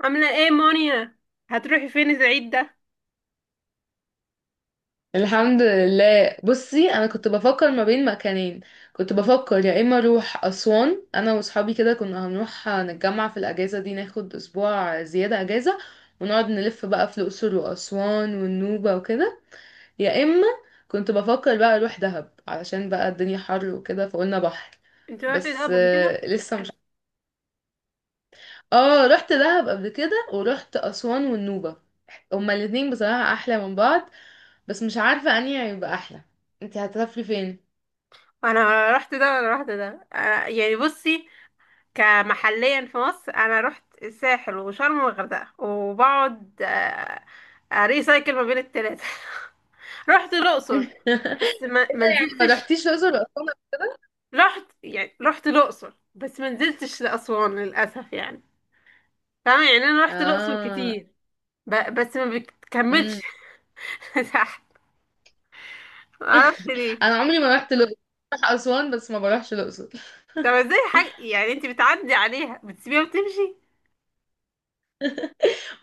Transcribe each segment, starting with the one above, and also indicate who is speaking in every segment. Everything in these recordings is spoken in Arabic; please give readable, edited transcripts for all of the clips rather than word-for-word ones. Speaker 1: عاملة ايه مونيا؟ هتروحي فين العيد ده؟
Speaker 2: الحمد لله. بصي، انا كنت بفكر ما بين مكانين. كنت بفكر يا اما اروح اسوان انا واصحابي، كده كنا هنروح نتجمع في الاجازه دي، ناخد اسبوع زياده اجازه، ونقعد نلف بقى في الاقصر واسوان والنوبه وكده. يا اما كنت بفكر بقى اروح دهب، علشان بقى الدنيا حر وكده فقلنا بحر.
Speaker 1: انت رحتي
Speaker 2: بس
Speaker 1: دهب قبل كده؟
Speaker 2: لسه مش. اه، رحت دهب قبل كده، ورحت اسوان والنوبه. هما الاتنين بصراحه احلى من بعض، بس مش عارفة انهي هيبقى احلى. انت هتسافري فين؟
Speaker 1: انا رحت ده انا رحت ده أنا يعني، بصي، كمحليا في مصر، انا رحت الساحل وشرم والغردقة، وبقعد اريسايكل ما بين التلاتة. رحت الاقصر
Speaker 2: إيه؟
Speaker 1: بس ما
Speaker 2: ده يعني ما
Speaker 1: نزلتش.
Speaker 2: رحتيش الاقصر واسوان قبل كده؟
Speaker 1: رحت الاقصر بس ما نزلتش لاسوان للاسف يعني، فاهمة؟ يعني انا رحت الاقصر
Speaker 2: اه.
Speaker 1: كتير، بس ما
Speaker 2: امم.
Speaker 1: بكملش. تحت. ما اعرفش ليه.
Speaker 2: انا عمري ما رحت الاقصر، بروح اسوان بس ما بروحش الاقصر.
Speaker 1: طب ازاي حاجة يعني انت بتعدي عليها بتسيبيها وتمشي؟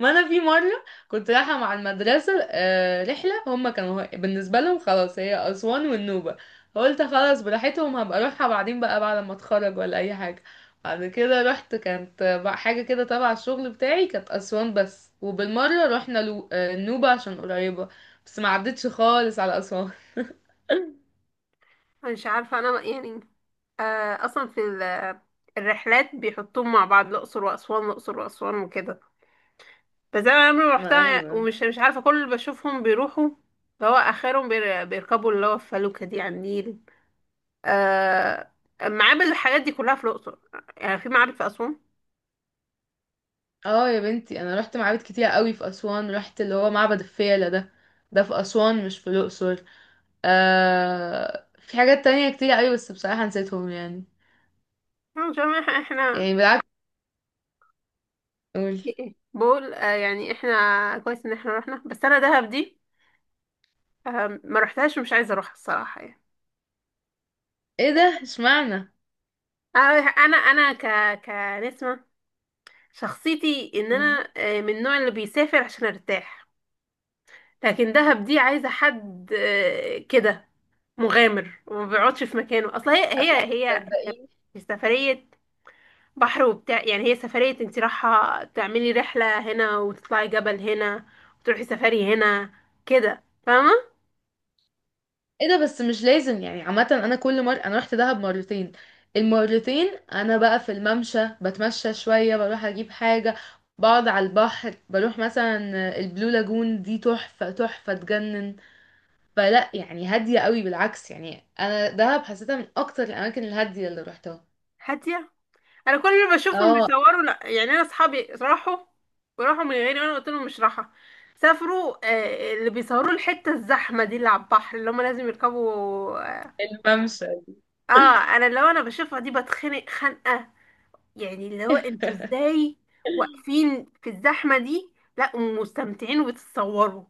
Speaker 2: ما انا في مره كنت رايحه مع المدرسه رحله، هما كانوا بالنسبه لهم خلاص هي اسوان والنوبه، فقلت خلاص براحتهم، هبقى اروحها بعدين بقى بعد ما اتخرج ولا اي حاجه. بعد كده رحت كانت بقى حاجه كده تبع الشغل بتاعي، كانت اسوان بس، وبالمره رحنا النوبه عشان قريبه، بس ما عدتش خالص على اسوان.
Speaker 1: أنا مش عارفة، انا يعني اصلا في الرحلات بيحطوهم مع بعض، الاقصر واسوان الاقصر واسوان وكده، بس انا عمري ما
Speaker 2: ما
Speaker 1: رحتها،
Speaker 2: ايوه.
Speaker 1: ومش مش عارفة. كل اللي بشوفهم بيروحوا اللي هو اخرهم بيركبوا اللي هو الفلوكة دي على النيل. آه معابد، الحاجات دي كلها في الاقصر، يعني في معابد في اسوان؟
Speaker 2: اه يا بنتي، انا رحت معابد كتير قوي في اسوان، رحت اللي هو معبد الفيلة ده، ده في اسوان مش في الاقصر. آه في حاجات تانية كتير أوي، بس بصراحة نسيتهم يعني.
Speaker 1: أنا مش عارفة،
Speaker 2: يعني بالعكس. أقول.
Speaker 1: إيه، إيه، بقول يعني احنا كويس ان احنا رحنا، بس انا دهب دي ما رحتهاش ومش عايزة اروحها الصراحة يعني.
Speaker 2: ايه ده اشمعنى؟
Speaker 1: انا كنسمة، شخصيتي ان
Speaker 2: مم.
Speaker 1: انا من النوع اللي بيسافر عشان ارتاح. لكن دهب دي عايزة حد كده مغامر، وما بيقعدش في مكانه. اصل هي
Speaker 2: صدقيني.
Speaker 1: في سفرية بحر وبتاع، يعني هي سفرية انت رايحة تعملي رحلة هنا، وتطلعي جبل هنا، وتروحي سفاري هنا كده، فاهمة؟
Speaker 2: ايه ده، بس مش لازم يعني، عامة أنا كل مرة، أنا رحت دهب مرتين. المرتين أنا بقى في الممشى، بتمشى شوية، بروح أجيب حاجة، بقعد على البحر، بروح مثلا البلو لاجون دي، تحفة تحفة تجنن. فلا يعني هادية قوي، بالعكس يعني، أنا دهب حسيتها من أكتر الأماكن الهادية اللي روحتها.
Speaker 1: هادية. انا كل اللي بشوفهم
Speaker 2: اه.
Speaker 1: بيصوروا، لا يعني انا اصحابي راحوا، وراحوا من غيري وانا قلت لهم مش راحة. سافروا، اللي بيصوروا الحتة الزحمة دي اللي على البحر اللي هم لازم يركبوا.
Speaker 2: الممشى.
Speaker 1: اه. انا اللي هو انا بشوفها دي بتخنق خنقة، يعني اللي هو انتوا ازاي واقفين في الزحمة دي، لا ومستمتعين وبتتصوروا.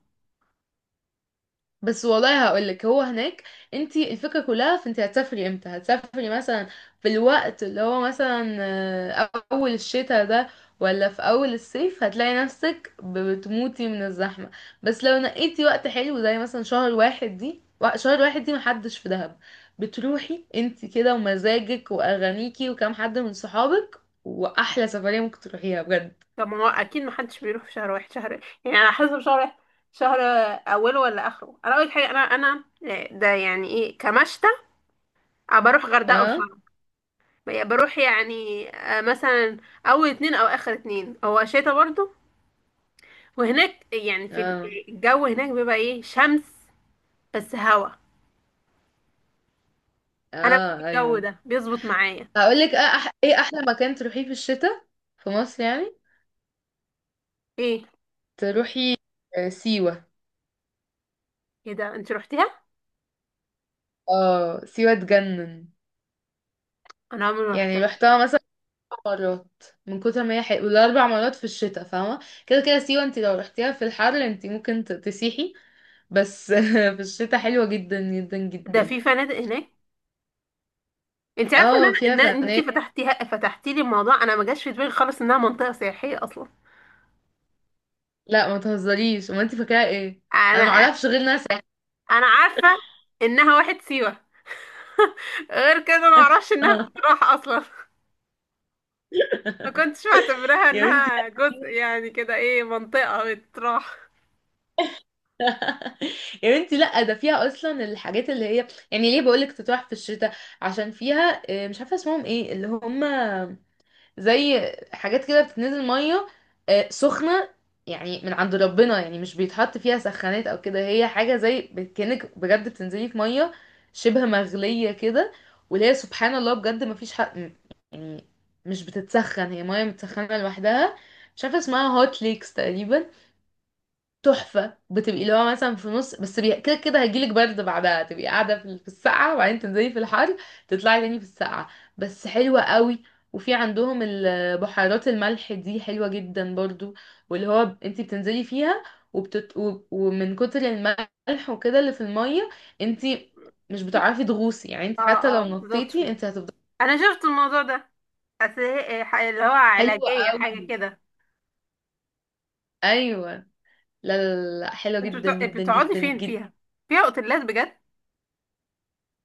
Speaker 2: بس والله هقولك هو هناك، انت الفكرة كلها في انت هتسافري امتى. هتسافري مثلا في الوقت اللي هو مثلا اول الشتاء ده، ولا في اول الصيف، هتلاقي نفسك بتموتي من الزحمة. بس لو نقيتي وقت حلو زي مثلا شهر واحد دي شهر واحد دي، محدش في دهب، بتروحي انت كده، ومزاجك واغانيكي وكام حد من صحابك، واحلى سفرية ممكن تروحيها بجد.
Speaker 1: طب ما هو اكيد محدش بيروح في شهر واحد، شهر يعني على حسب، شهر واحد شهر، اوله ولا اخره. انا اول حاجة، انا ده يعني ايه، كمشتى، أه بروح غردقة
Speaker 2: اه.
Speaker 1: وشرم. بروح يعني مثلا اول اتنين او اخر اتنين، هو شتا برضو. وهناك يعني في،
Speaker 2: اه.
Speaker 1: الجو هناك بيبقى ايه، شمس بس هوا. انا بحب
Speaker 2: اه
Speaker 1: الجو
Speaker 2: ايوه.
Speaker 1: ده، بيظبط معايا.
Speaker 2: هقول لك اه أح ايه احلى مكان تروحيه في الشتاء، في مصر يعني.
Speaker 1: ايه؟
Speaker 2: تروحي سيوة.
Speaker 1: ايه ده، انت روحتيها؟
Speaker 2: اه سيوة تجنن.
Speaker 1: انا عمري ما روحتها.
Speaker 2: يعني رحتها مثلا 4 مرات من كتر ما هي حلوه، والاربع مرات في الشتاء، فاهمه؟ كده كده سيوة، انت لو رحتيها في الحر انت ممكن تسيحي، بس في الشتاء حلوه جدا جدا
Speaker 1: ده
Speaker 2: جدا.
Speaker 1: في فنادق هناك؟ انت عارفه ان
Speaker 2: اه فيها
Speaker 1: انا ان إن انت
Speaker 2: فنادق.
Speaker 1: فتحتي لي الموضوع، انا ما جاش في دماغي خالص انها منطقه سياحيه اصلا.
Speaker 2: لا ما تهزريش، امال انت فاكراها ايه؟ انا ما
Speaker 1: انا
Speaker 2: اعرفش غير ناس.
Speaker 1: انا عارفه انها واحد سيوه. غير كده ما اعرفش انها بتروح اصلا، ما كنتش معتبرها
Speaker 2: يا بنتي لا.
Speaker 1: انها جزء، يعني كده ايه، منطقة بتروح.
Speaker 2: يا بنتي لا، ده فيها اصلا الحاجات اللي هي يعني ليه بقولك تتراح في الشتاء، عشان فيها مش عارفه اسمهم ايه، اللي هم زي حاجات كده بتنزل ميه سخنه، يعني من عند ربنا، يعني مش بيتحط فيها سخانات او كده، هي حاجه زي كأنك بجد بتنزلي في ميه شبه مغليه كده، واللي هي سبحان الله بجد، ما فيش حق يعني، مش بتتسخن، هي ميه متسخنه لوحدها. مش عارفه اسمها، هوت ليكس تقريبا. تحفة. بتبقي اللي هو مثلا في نص بس كده كده هيجيلك برد، بعدها تبقي قاعدة في السقعة، وبعدين تنزلي في الحر، تطلعي تاني في السقعة، بس حلوة قوي. وفي عندهم بحيرات الملح دي حلوة جدا برضو، واللي هو انتي بتنزلي فيها، ومن كتر الملح وكده اللي في المية، انتي مش بتعرفي تغوصي يعني، انتي حتى
Speaker 1: اه. اه
Speaker 2: لو نطيتي
Speaker 1: بتطفي.
Speaker 2: انتي هتفضلي.
Speaker 1: انا شفت الموضوع ده. اللي هو
Speaker 2: حلوة
Speaker 1: علاجية، حاجة
Speaker 2: قوي.
Speaker 1: كده.
Speaker 2: ايوه لا. لا لا لا حلوة
Speaker 1: انتوا
Speaker 2: جدا جدا
Speaker 1: بتقعدي
Speaker 2: جدا
Speaker 1: فين
Speaker 2: جدا.
Speaker 1: فيها؟ فيها اوتيلات بجد؟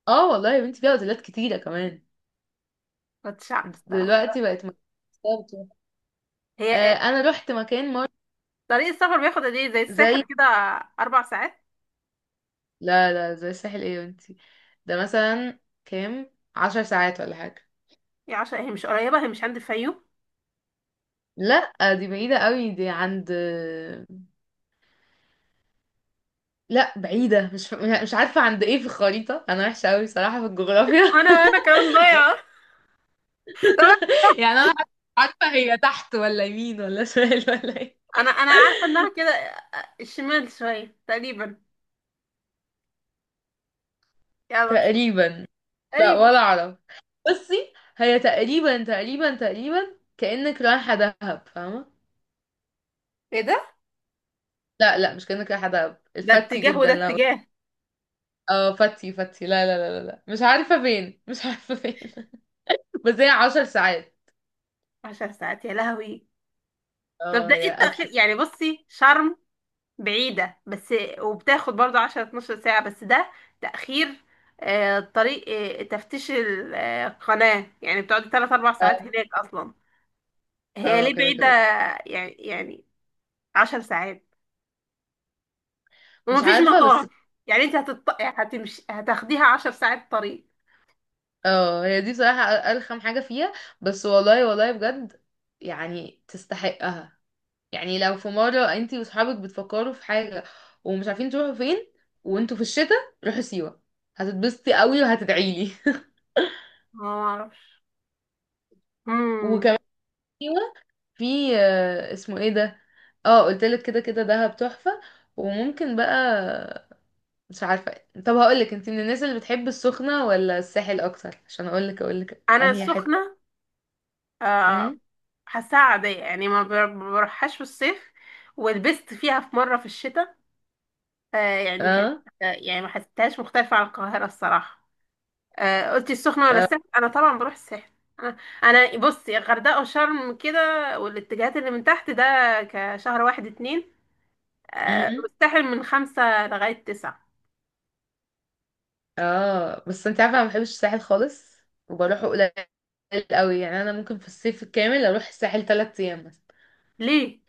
Speaker 2: اه والله يا بنتي، فيها اوتيلات كتيرة كمان.
Speaker 1: كنتش عارف الصراحة.
Speaker 2: دلوقتي بقت مكان.
Speaker 1: هي
Speaker 2: انا رحت مكان مر.
Speaker 1: طريق السفر بياخد قد ايه؟ زي الساحل
Speaker 2: زي.
Speaker 1: كده؟ 4 ساعات؟
Speaker 2: لا لا زي الساحل ايه وانتي. ده مثلا كام؟ 10 ساعات ولا حاجة.
Speaker 1: يا عشان هي مش قريبة، هي مش عند الفيوم؟
Speaker 2: لا دي بعيدة قوي، دي عند. لا بعيدة مش. مش عارفة عند ايه في الخريطة، انا وحشة قوي صراحة في الجغرافيا.
Speaker 1: انا كمان ضايعة. طب،
Speaker 2: يعني انا عارفة هي تحت ولا يمين ولا شمال ولا ايه؟
Speaker 1: انا عارفة انها كده الشمال شوية، تقريبا. يلا مش
Speaker 2: تقريبا. لا
Speaker 1: تقريبا.
Speaker 2: ولا اعرف. بصي هي تقريبا تقريبا تقريبا كأنك رايحة دهب، فاهمة؟
Speaker 1: ايه ده،
Speaker 2: لا لا مش كأنك حدب
Speaker 1: ده
Speaker 2: الفتي
Speaker 1: اتجاه وده
Speaker 2: جدا، لا.
Speaker 1: اتجاه.
Speaker 2: اه فتي فتي، لا لا لا لا لا. مش عارفة فين، مش عارفة فين. بس هي 10 ساعات.
Speaker 1: 10 ساعات، يا لهوي. طب
Speaker 2: اه
Speaker 1: ده ايه
Speaker 2: هي
Speaker 1: التأخير
Speaker 2: قتل.
Speaker 1: يعني، بصي شرم بعيدة، بس وبتاخد برضو 10 12 ساعة، بس ده تأخير، طريق تفتيش القناة، يعني بتقعدي 3 4 ساعات
Speaker 2: اه.
Speaker 1: هناك أصلا. هي ليه
Speaker 2: كده
Speaker 1: بعيدة؟
Speaker 2: كده.
Speaker 1: يعني 10 ساعات،
Speaker 2: مش
Speaker 1: ومفيش
Speaker 2: عارفة بس.
Speaker 1: مطار؟ يعني انت هتمشي، هتاخديها 10 ساعات طريق؟
Speaker 2: اه هي دي بصراحة أرخم حاجة فيها، بس والله والله بجد يعني تستحقها. يعني لو في مرة انتي وصحابك بتفكروا في حاجة، ومش عارفين تروحوا فين، وانتوا في الشتاء، روحوا سيوة، هتتبسطي قوي وهتدعيلي.
Speaker 1: ما اعرفش. مم.
Speaker 2: وكمان سيوة في اسمه ايه ده. اه قلتلك كده كده دهب تحفة، وممكن بقى، مش عارفة. طب هقولك انت من الناس اللي بتحب السخنة ولا الساحل اكتر، عشان اقولك
Speaker 1: انا
Speaker 2: انهي حتة.
Speaker 1: السخنة، آه.
Speaker 2: امم.
Speaker 1: حاساها عادية، يعني ما بروحهاش في الصيف، ولبست فيها في مرة في الشتاء. آه يعني كانت،
Speaker 2: اه.
Speaker 1: يعني ما حسيتهاش مختلفة عن القاهرة الصراحة. قلتي السخنة ولا
Speaker 2: اه.
Speaker 1: الساحل، أنا طبعا بروح الساحل. أنا أنا بصي الغردقة وشرم كده، والاتجاهات اللي من تحت ده، كشهر واحد اتنين،
Speaker 2: امم.
Speaker 1: والساحل من 5 لغاية 9.
Speaker 2: اه. بس انت عارفة انا ما بحبش الساحل خالص، وبروحه قليل قوي، يعني انا ممكن في الصيف الكامل اروح الساحل 3 ايام مثلا،
Speaker 1: ليه؟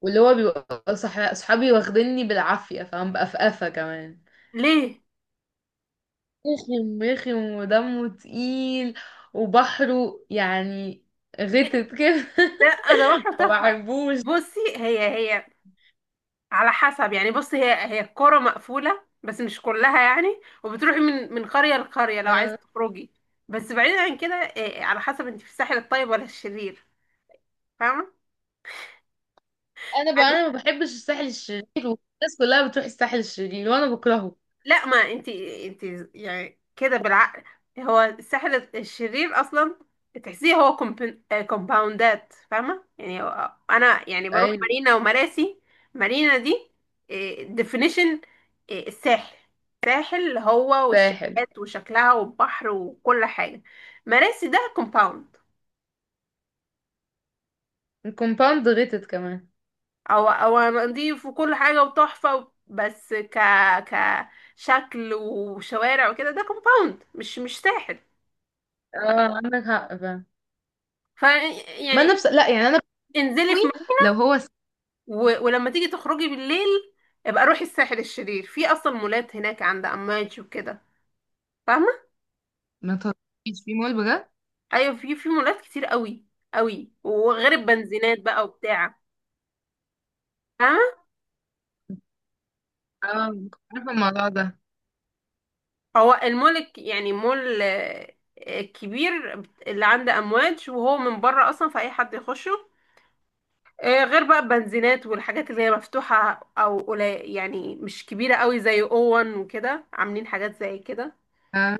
Speaker 2: واللي هو بيبقى صحابي واخديني بالعافية، فاهم بقى، في قفا كمان،
Speaker 1: ليه؟
Speaker 2: رخم رخم ودمه تقيل، وبحره يعني غتت كده.
Speaker 1: لا، أنا بروح
Speaker 2: ما
Speaker 1: تحفة.
Speaker 2: بحبوش.
Speaker 1: بصي هي على حسب، يعني بص هي الكرة مقفولة، بس مش كلها يعني، وبتروحي من قرية لقرية لو
Speaker 2: آه.
Speaker 1: عايزة تخرجي. بس بعيدا عن كده، على حسب انت في الساحل الطيب ولا الشرير، فاهمة؟
Speaker 2: انا بقى انا ما بحبش الساحل الشرير، والناس كلها بتروح الساحل الشرير وانا بكرهه.
Speaker 1: لا، ما انت يعني كده بالعقل، هو الساحل الشرير اصلا تحسيه هو كومباوندات، فاهمه؟ يعني انا يعني بروح
Speaker 2: ايوه.
Speaker 1: مارينا ومراسي. مارينا دي ديفينيشن الساحل، ساحل هو،
Speaker 2: الساحل.
Speaker 1: والشقات وشكلها والبحر وكل حاجه. مراسي ده كومباوند،
Speaker 2: الكومباوند غتت كمان.
Speaker 1: او نضيف وكل حاجه وتحفه، بس كشكل وشوارع وكده، ده كومباوند، مش ساحل.
Speaker 2: اه عندك حق فعلا.
Speaker 1: ف
Speaker 2: ما
Speaker 1: يعني
Speaker 2: انا لا يعني انا
Speaker 1: انزلي
Speaker 2: بقوي.
Speaker 1: في مول.
Speaker 2: لو هو
Speaker 1: ولما تيجي تخرجي بالليل، ابقى روحي الساحل الشرير، في اصلا مولات هناك عند اماج وكده، فاهمه؟
Speaker 2: ما تطلعيش في مول بجد.
Speaker 1: ايوه، في مولات كتير قوي قوي، وغير البنزينات بقى وبتاع، فاهمه؟
Speaker 2: اه كنت عارفه الموضوع ده.
Speaker 1: هو المول يعني مول كبير، اللي عند امواج، وهو من بره اصلا فاي حد يخشه، غير بقى البنزينات والحاجات اللي هي مفتوحه او قليل يعني مش كبيره قوي، زي اوون وكده عاملين حاجات زي كده.
Speaker 2: اه.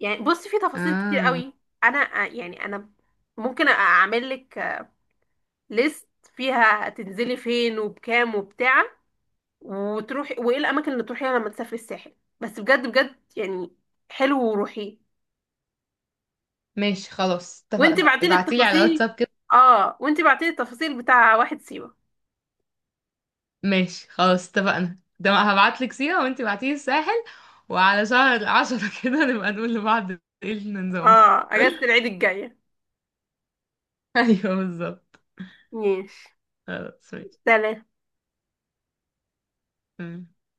Speaker 1: يعني بص في تفاصيل كتير
Speaker 2: اه.
Speaker 1: قوي. انا آه، يعني انا ممكن اعمل لك ليست، فيها تنزلي فين وبكام وبتاع، وتروحي وايه الاماكن اللي تروحيها لما تسافري الساحل، بس بجد بجد يعني، حلو وروحيه.
Speaker 2: ماشي خلاص
Speaker 1: وانت
Speaker 2: اتفقنا،
Speaker 1: بعتي لي
Speaker 2: ابعتيلي على
Speaker 1: التفاصيل
Speaker 2: واتساب.
Speaker 1: اه وانت بعتي لي التفاصيل بتاع واحد سيوة.
Speaker 2: ماشي خلاص اتفقنا، ده ما هبعتلك سيرة وانتي بعتيلي الساحل، وعلى شهر العشرة كده نبقى نقول لبعض ايه النظام.
Speaker 1: اه، اجازة العيد الجاية.
Speaker 2: ايوه بالظبط.
Speaker 1: ماشي.
Speaker 2: خلاص.
Speaker 1: سلام.
Speaker 2: ماشي.